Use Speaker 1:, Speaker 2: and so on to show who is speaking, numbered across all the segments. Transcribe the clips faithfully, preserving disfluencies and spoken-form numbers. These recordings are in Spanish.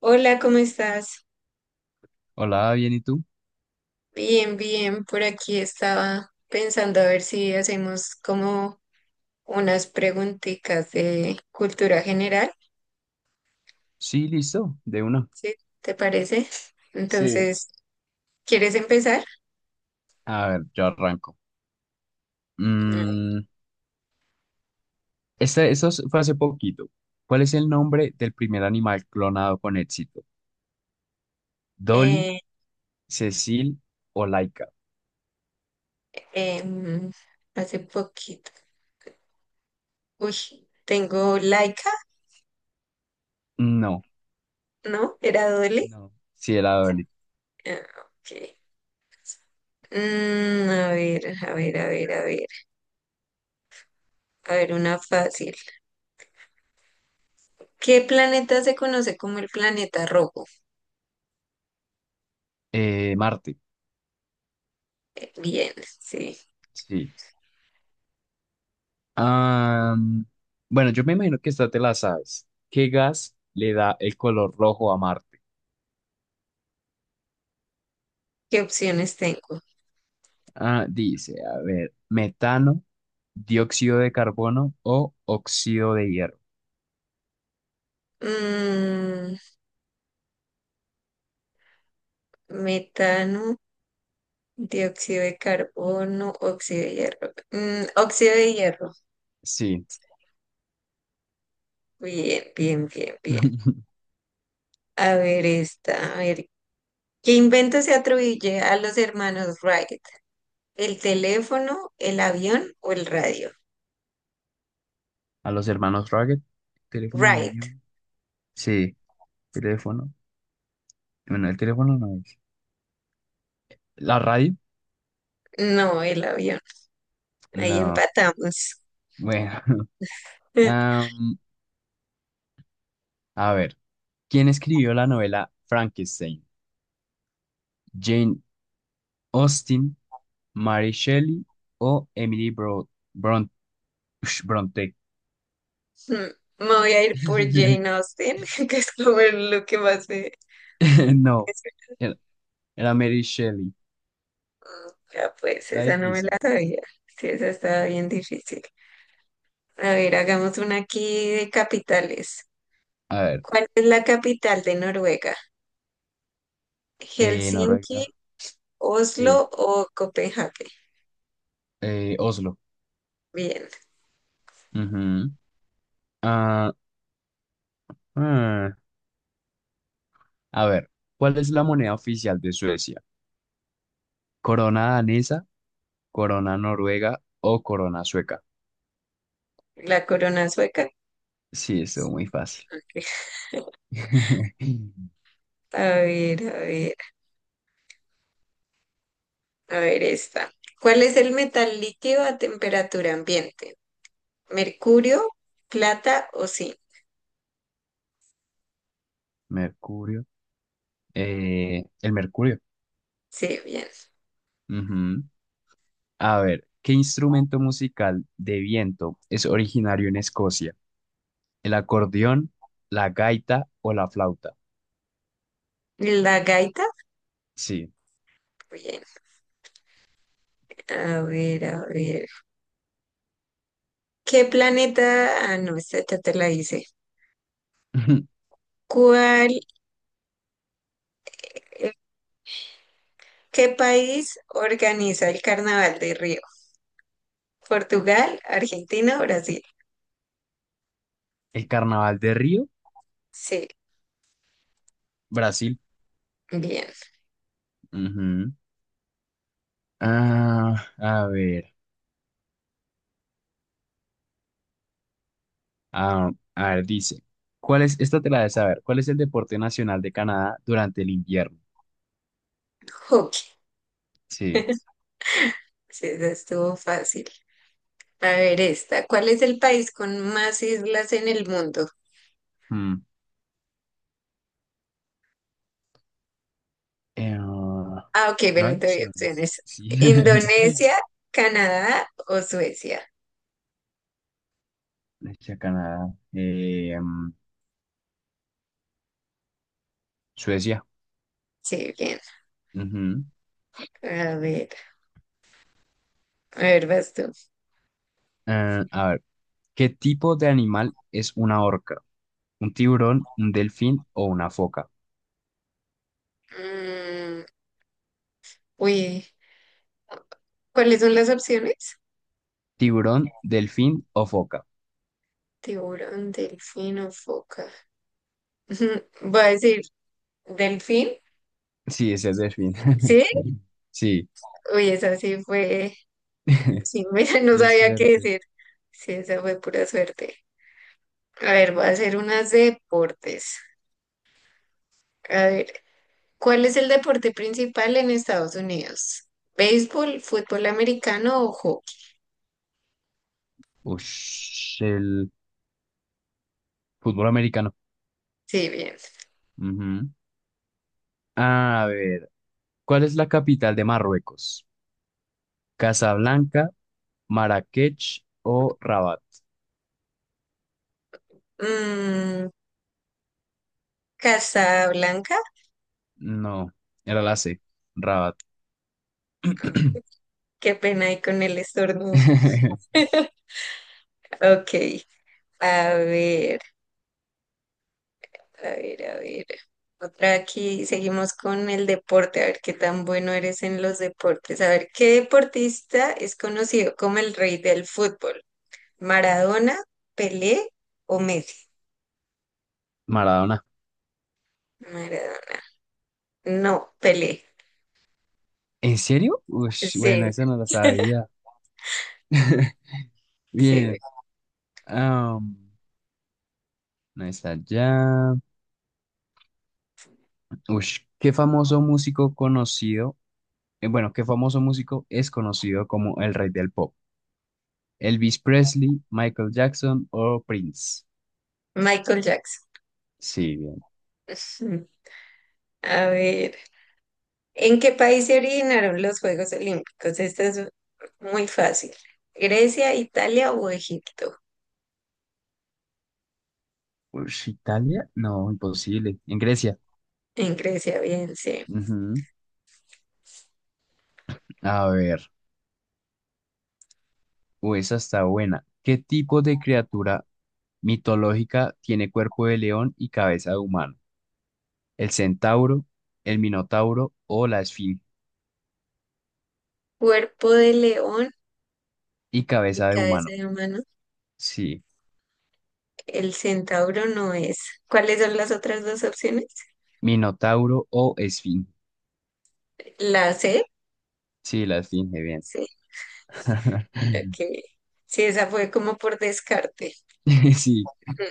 Speaker 1: Hola, ¿cómo estás?
Speaker 2: Hola, bien, ¿y tú?
Speaker 1: Bien, bien. Por aquí estaba pensando a ver si hacemos como unas preguntitas de cultura general,
Speaker 2: Sí, listo, de una.
Speaker 1: ¿sí? ¿Te parece?
Speaker 2: Sí,
Speaker 1: Entonces, ¿quieres empezar?
Speaker 2: a ver, yo arranco. Mm, este, eso es- fue hace poquito. ¿Cuál es el nombre del primer animal clonado con éxito? ¿Dolly,
Speaker 1: Eh,
Speaker 2: Cecil o Laika?
Speaker 1: em, hace poquito. Uy, tengo Laika,
Speaker 2: No,
Speaker 1: ¿no? ¿Era Dole?
Speaker 2: no, sí era Dolly.
Speaker 1: Ah, ok. Mm, a ver, a ver, a ver, a ver. A ver, una fácil. ¿Qué planeta se conoce como el planeta rojo?
Speaker 2: Eh, Marte,
Speaker 1: Bien, sí.
Speaker 2: sí. Am, bueno, yo me imagino que esta te la sabes. ¿Qué gas le da el color rojo a Marte?
Speaker 1: ¿Qué opciones tengo?
Speaker 2: Ah, dice, a ver, metano, dióxido de carbono o óxido de hierro.
Speaker 1: Mm, metano, dióxido de carbono, óxido de hierro. Mm, óxido de hierro.
Speaker 2: Sí.
Speaker 1: Bien, bien, bien, bien. A ver esta, a ver. ¿Qué invento se atribuye a los hermanos Wright? ¿El teléfono, el avión o el radio?
Speaker 2: A los hermanos Rugged. Teléfono
Speaker 1: Wright.
Speaker 2: dañado. Sí, teléfono. Bueno, el teléfono no es. ¿La radio?
Speaker 1: No, el avión. Ahí
Speaker 2: No.
Speaker 1: empatamos.
Speaker 2: Bueno. Am, a ver. ¿Quién escribió la novela Frankenstein? ¿Jane Austen, Mary Shelley o Emily Bro Bron- Ush, Bronte?
Speaker 1: Mm, Me voy a ir por Jane Austen, que es como lo que más sé.
Speaker 2: No. Era era Mary Shelley.
Speaker 1: Ya pues,
Speaker 2: Está
Speaker 1: esa no me la
Speaker 2: difícil.
Speaker 1: sabía. Sí, esa estaba bien difícil. A ver, hagamos una aquí de capitales.
Speaker 2: A ver.
Speaker 1: ¿Cuál es la capital de Noruega?
Speaker 2: eh, Noruega.
Speaker 1: ¿Helsinki,
Speaker 2: Sí.
Speaker 1: Oslo o Copenhague?
Speaker 2: Eh, Oslo.
Speaker 1: Bien,
Speaker 2: Ujú. Ah, ah. A ver, ¿cuál es la moneda oficial de Suecia? ¿Corona danesa, corona noruega o corona sueca?
Speaker 1: la corona sueca.
Speaker 2: Sí, estuvo muy fácil.
Speaker 1: A ver, a ver, a ver esta. ¿Cuál es el metal líquido a temperatura ambiente? ¿Mercurio, plata o zinc?
Speaker 2: Mercurio. Eh, el mercurio.
Speaker 1: Sí, bien.
Speaker 2: Ujú. A ver, ¿qué instrumento musical de viento es originario en Escocia? ¿El acordeón, la gaita o la flauta?
Speaker 1: ¿La gaita?
Speaker 2: Sí.
Speaker 1: Bien. A ver, a ver. ¿Qué planeta? Ah, no, esta ya te la hice. ¿Cuál, eh, ¿qué país organiza el Carnaval de Río? ¿Portugal, Argentina o Brasil?
Speaker 2: ¿El carnaval de Río?
Speaker 1: Sí,
Speaker 2: Brasil.
Speaker 1: bien.
Speaker 2: Ujú. Ah, a ver. Ah, a ver, dice, ¿cuál es, esta te la de saber, ¿cuál es el deporte nacional de Canadá durante el invierno?
Speaker 1: Hockey.
Speaker 2: Sí.
Speaker 1: Sí, esa estuvo fácil. A ver, esta. ¿Cuál es el país con más islas en el mundo?
Speaker 2: mm, eh, ah,
Speaker 1: Ah, ok,
Speaker 2: no hay
Speaker 1: bueno, te doy
Speaker 2: opciones.
Speaker 1: opciones.
Speaker 2: Sí.
Speaker 1: ¿Indonesia, Canadá o Suecia?
Speaker 2: Hacia Canadá. eh, mm, Suecia.
Speaker 1: Sí, bien.
Speaker 2: Ujú.
Speaker 1: A ver, a ver, vas tú.
Speaker 2: Eh, a ver, ¿qué tipo de animal es una orca? ¿Un tiburón, un delfín o una foca?
Speaker 1: Mm, uy, ¿cuáles son las opciones?
Speaker 2: ¿Tiburón, delfín o foca?
Speaker 1: Tiburón, delfín o foca. Voy a decir delfín,
Speaker 2: Sí, es el delfín.
Speaker 1: ¿sí?
Speaker 2: Sí.
Speaker 1: Uy, esa sí fue. Sí, mira, no
Speaker 2: Es
Speaker 1: sabía qué
Speaker 2: suerte.
Speaker 1: decir. Sí, esa fue pura suerte. A ver, voy a hacer unas deportes. A ver, ¿cuál es el deporte principal en Estados Unidos? ¿Béisbol, fútbol americano o hockey?
Speaker 2: Ush, el fútbol americano.
Speaker 1: Sí, bien.
Speaker 2: Ujú. A ver, ¿cuál es la capital de Marruecos? ¿Casablanca, Marrakech o Rabat?
Speaker 1: Mm, Casablanca.
Speaker 2: No, era la ce, Rabat.
Speaker 1: Qué pena ahí con el estornudo. Ok, a ver. A ver, a ver. Otra aquí, seguimos con el deporte, a ver qué tan bueno eres en los deportes. A ver, ¿qué deportista es conocido como el rey del fútbol? ¿Maradona, Pelé o Messi?
Speaker 2: Maradona.
Speaker 1: Maradona. No, Pelé.
Speaker 2: ¿En serio? Ush, bueno,
Speaker 1: Sí,
Speaker 2: esa no la sabía.
Speaker 1: sí.
Speaker 2: Bien. am, no está ya. Ush, ¿qué famoso músico conocido? Eh, bueno, ¿qué famoso músico es conocido como el rey del pop? ¿Elvis Presley, Michael Jackson o Prince?
Speaker 1: Michael Jackson.
Speaker 2: Sí.
Speaker 1: A ver, ¿en qué país se originaron los Juegos Olímpicos? Esta es muy fácil. ¿Grecia, Italia o Egipto?
Speaker 2: Ush, Italia, no, imposible. En Grecia.
Speaker 1: En Grecia, bien, sí.
Speaker 2: Ujú. A ver, uy, esa está buena. ¿Qué tipo de criatura mitológica tiene cuerpo de león y cabeza de humano? ¿El centauro, el minotauro o la esfinge?
Speaker 1: Cuerpo de león
Speaker 2: Y
Speaker 1: y
Speaker 2: cabeza de
Speaker 1: cabeza
Speaker 2: humano.
Speaker 1: de humano.
Speaker 2: Sí,
Speaker 1: El centauro no es. ¿Cuáles son las otras dos opciones?
Speaker 2: minotauro o esfinge.
Speaker 1: La C,
Speaker 2: Sí, la esfinge, bien.
Speaker 1: sí, ok. Sí, esa fue como por descarte.
Speaker 2: Sí.
Speaker 1: Mm,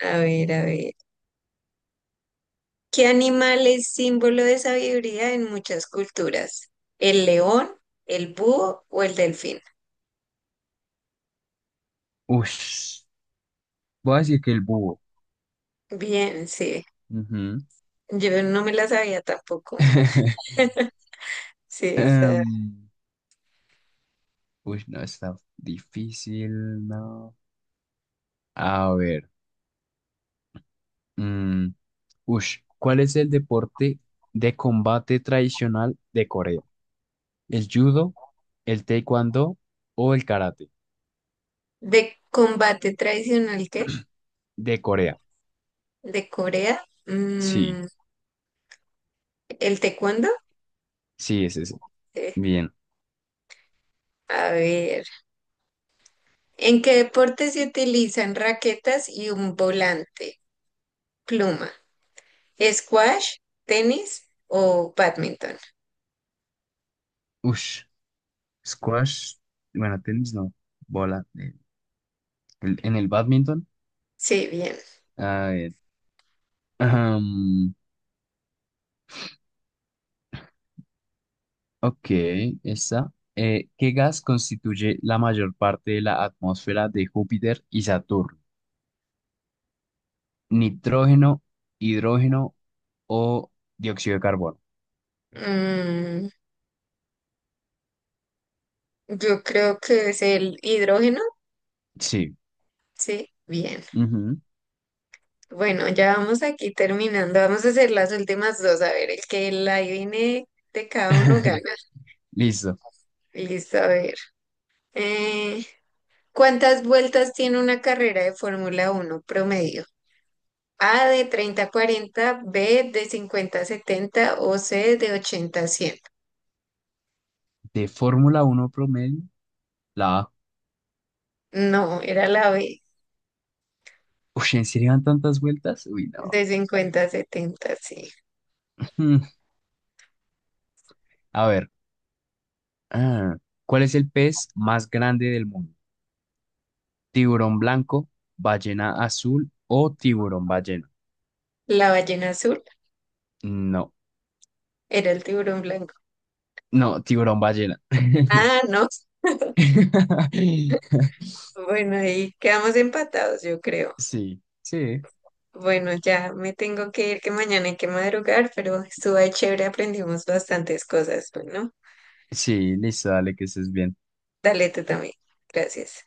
Speaker 1: A ver, a ver. ¿Qué animal es símbolo de sabiduría en muchas culturas? ¿El león, el búho o el delfín?
Speaker 2: Ush, voy a decir que el búho.
Speaker 1: Bien, sí.
Speaker 2: Ujú.
Speaker 1: Yo no me la sabía tampoco. Sí, esa.
Speaker 2: Em, Uy, no, está difícil, no. A ver, mm, ush, ¿cuál es el deporte de combate tradicional de Corea? ¿El judo, el taekwondo o el karate?
Speaker 1: ¿De combate tradicional qué?
Speaker 2: De Corea.
Speaker 1: ¿De Corea?
Speaker 2: Sí,
Speaker 1: Mm, ¿el taekwondo?
Speaker 2: sí, es ese.
Speaker 1: Sí.
Speaker 2: Bien.
Speaker 1: A ver. ¿En qué deporte se utilizan raquetas y un volante? Pluma. ¿Squash, tenis o badminton?
Speaker 2: Ush, Squash, bueno, tenis no, bola. Eh, el- en el badminton.
Speaker 1: Sí, bien.
Speaker 2: A ver, ahm, ok, esa. Eh, ¿qué gas constituye la mayor parte de la atmósfera de Júpiter y Saturno? ¿Nitrógeno, hidrógeno o dióxido de carbono?
Speaker 1: Mm, yo creo que es el hidrógeno.
Speaker 2: Sí.
Speaker 1: Sí, bien.
Speaker 2: Ujú.
Speaker 1: Bueno, ya vamos aquí terminando. Vamos a hacer las últimas dos. A ver, el que la adivine de cada uno gana.
Speaker 2: Listo.
Speaker 1: Listo, a ver. Eh, ¿cuántas vueltas tiene una carrera de Fórmula uno promedio? A de treinta a cuarenta, B de cincuenta a setenta, o C de ochenta a cien.
Speaker 2: De Fórmula uno promedio, la A.
Speaker 1: No, era la B
Speaker 2: Uy, ¿en serio dan tantas vueltas? Uy, no.
Speaker 1: de cincuenta a setenta. Sí.
Speaker 2: Mm, A ver. ah, ¿Cuál es el pez más grande del mundo? ¿Tiburón blanco, ballena azul o tiburón ballena?
Speaker 1: La ballena azul
Speaker 2: No,
Speaker 1: era el tiburón blanco.
Speaker 2: no, tiburón ballena.
Speaker 1: Ah, no. Bueno, ahí quedamos empatados, yo creo.
Speaker 2: Sí, sí,
Speaker 1: Bueno, ya me tengo que ir, que mañana hay que madrugar, pero estuvo ahí chévere, aprendimos bastantes cosas. Bueno,
Speaker 2: sí, listo, dale que estés bien.
Speaker 1: dale tú también. Gracias.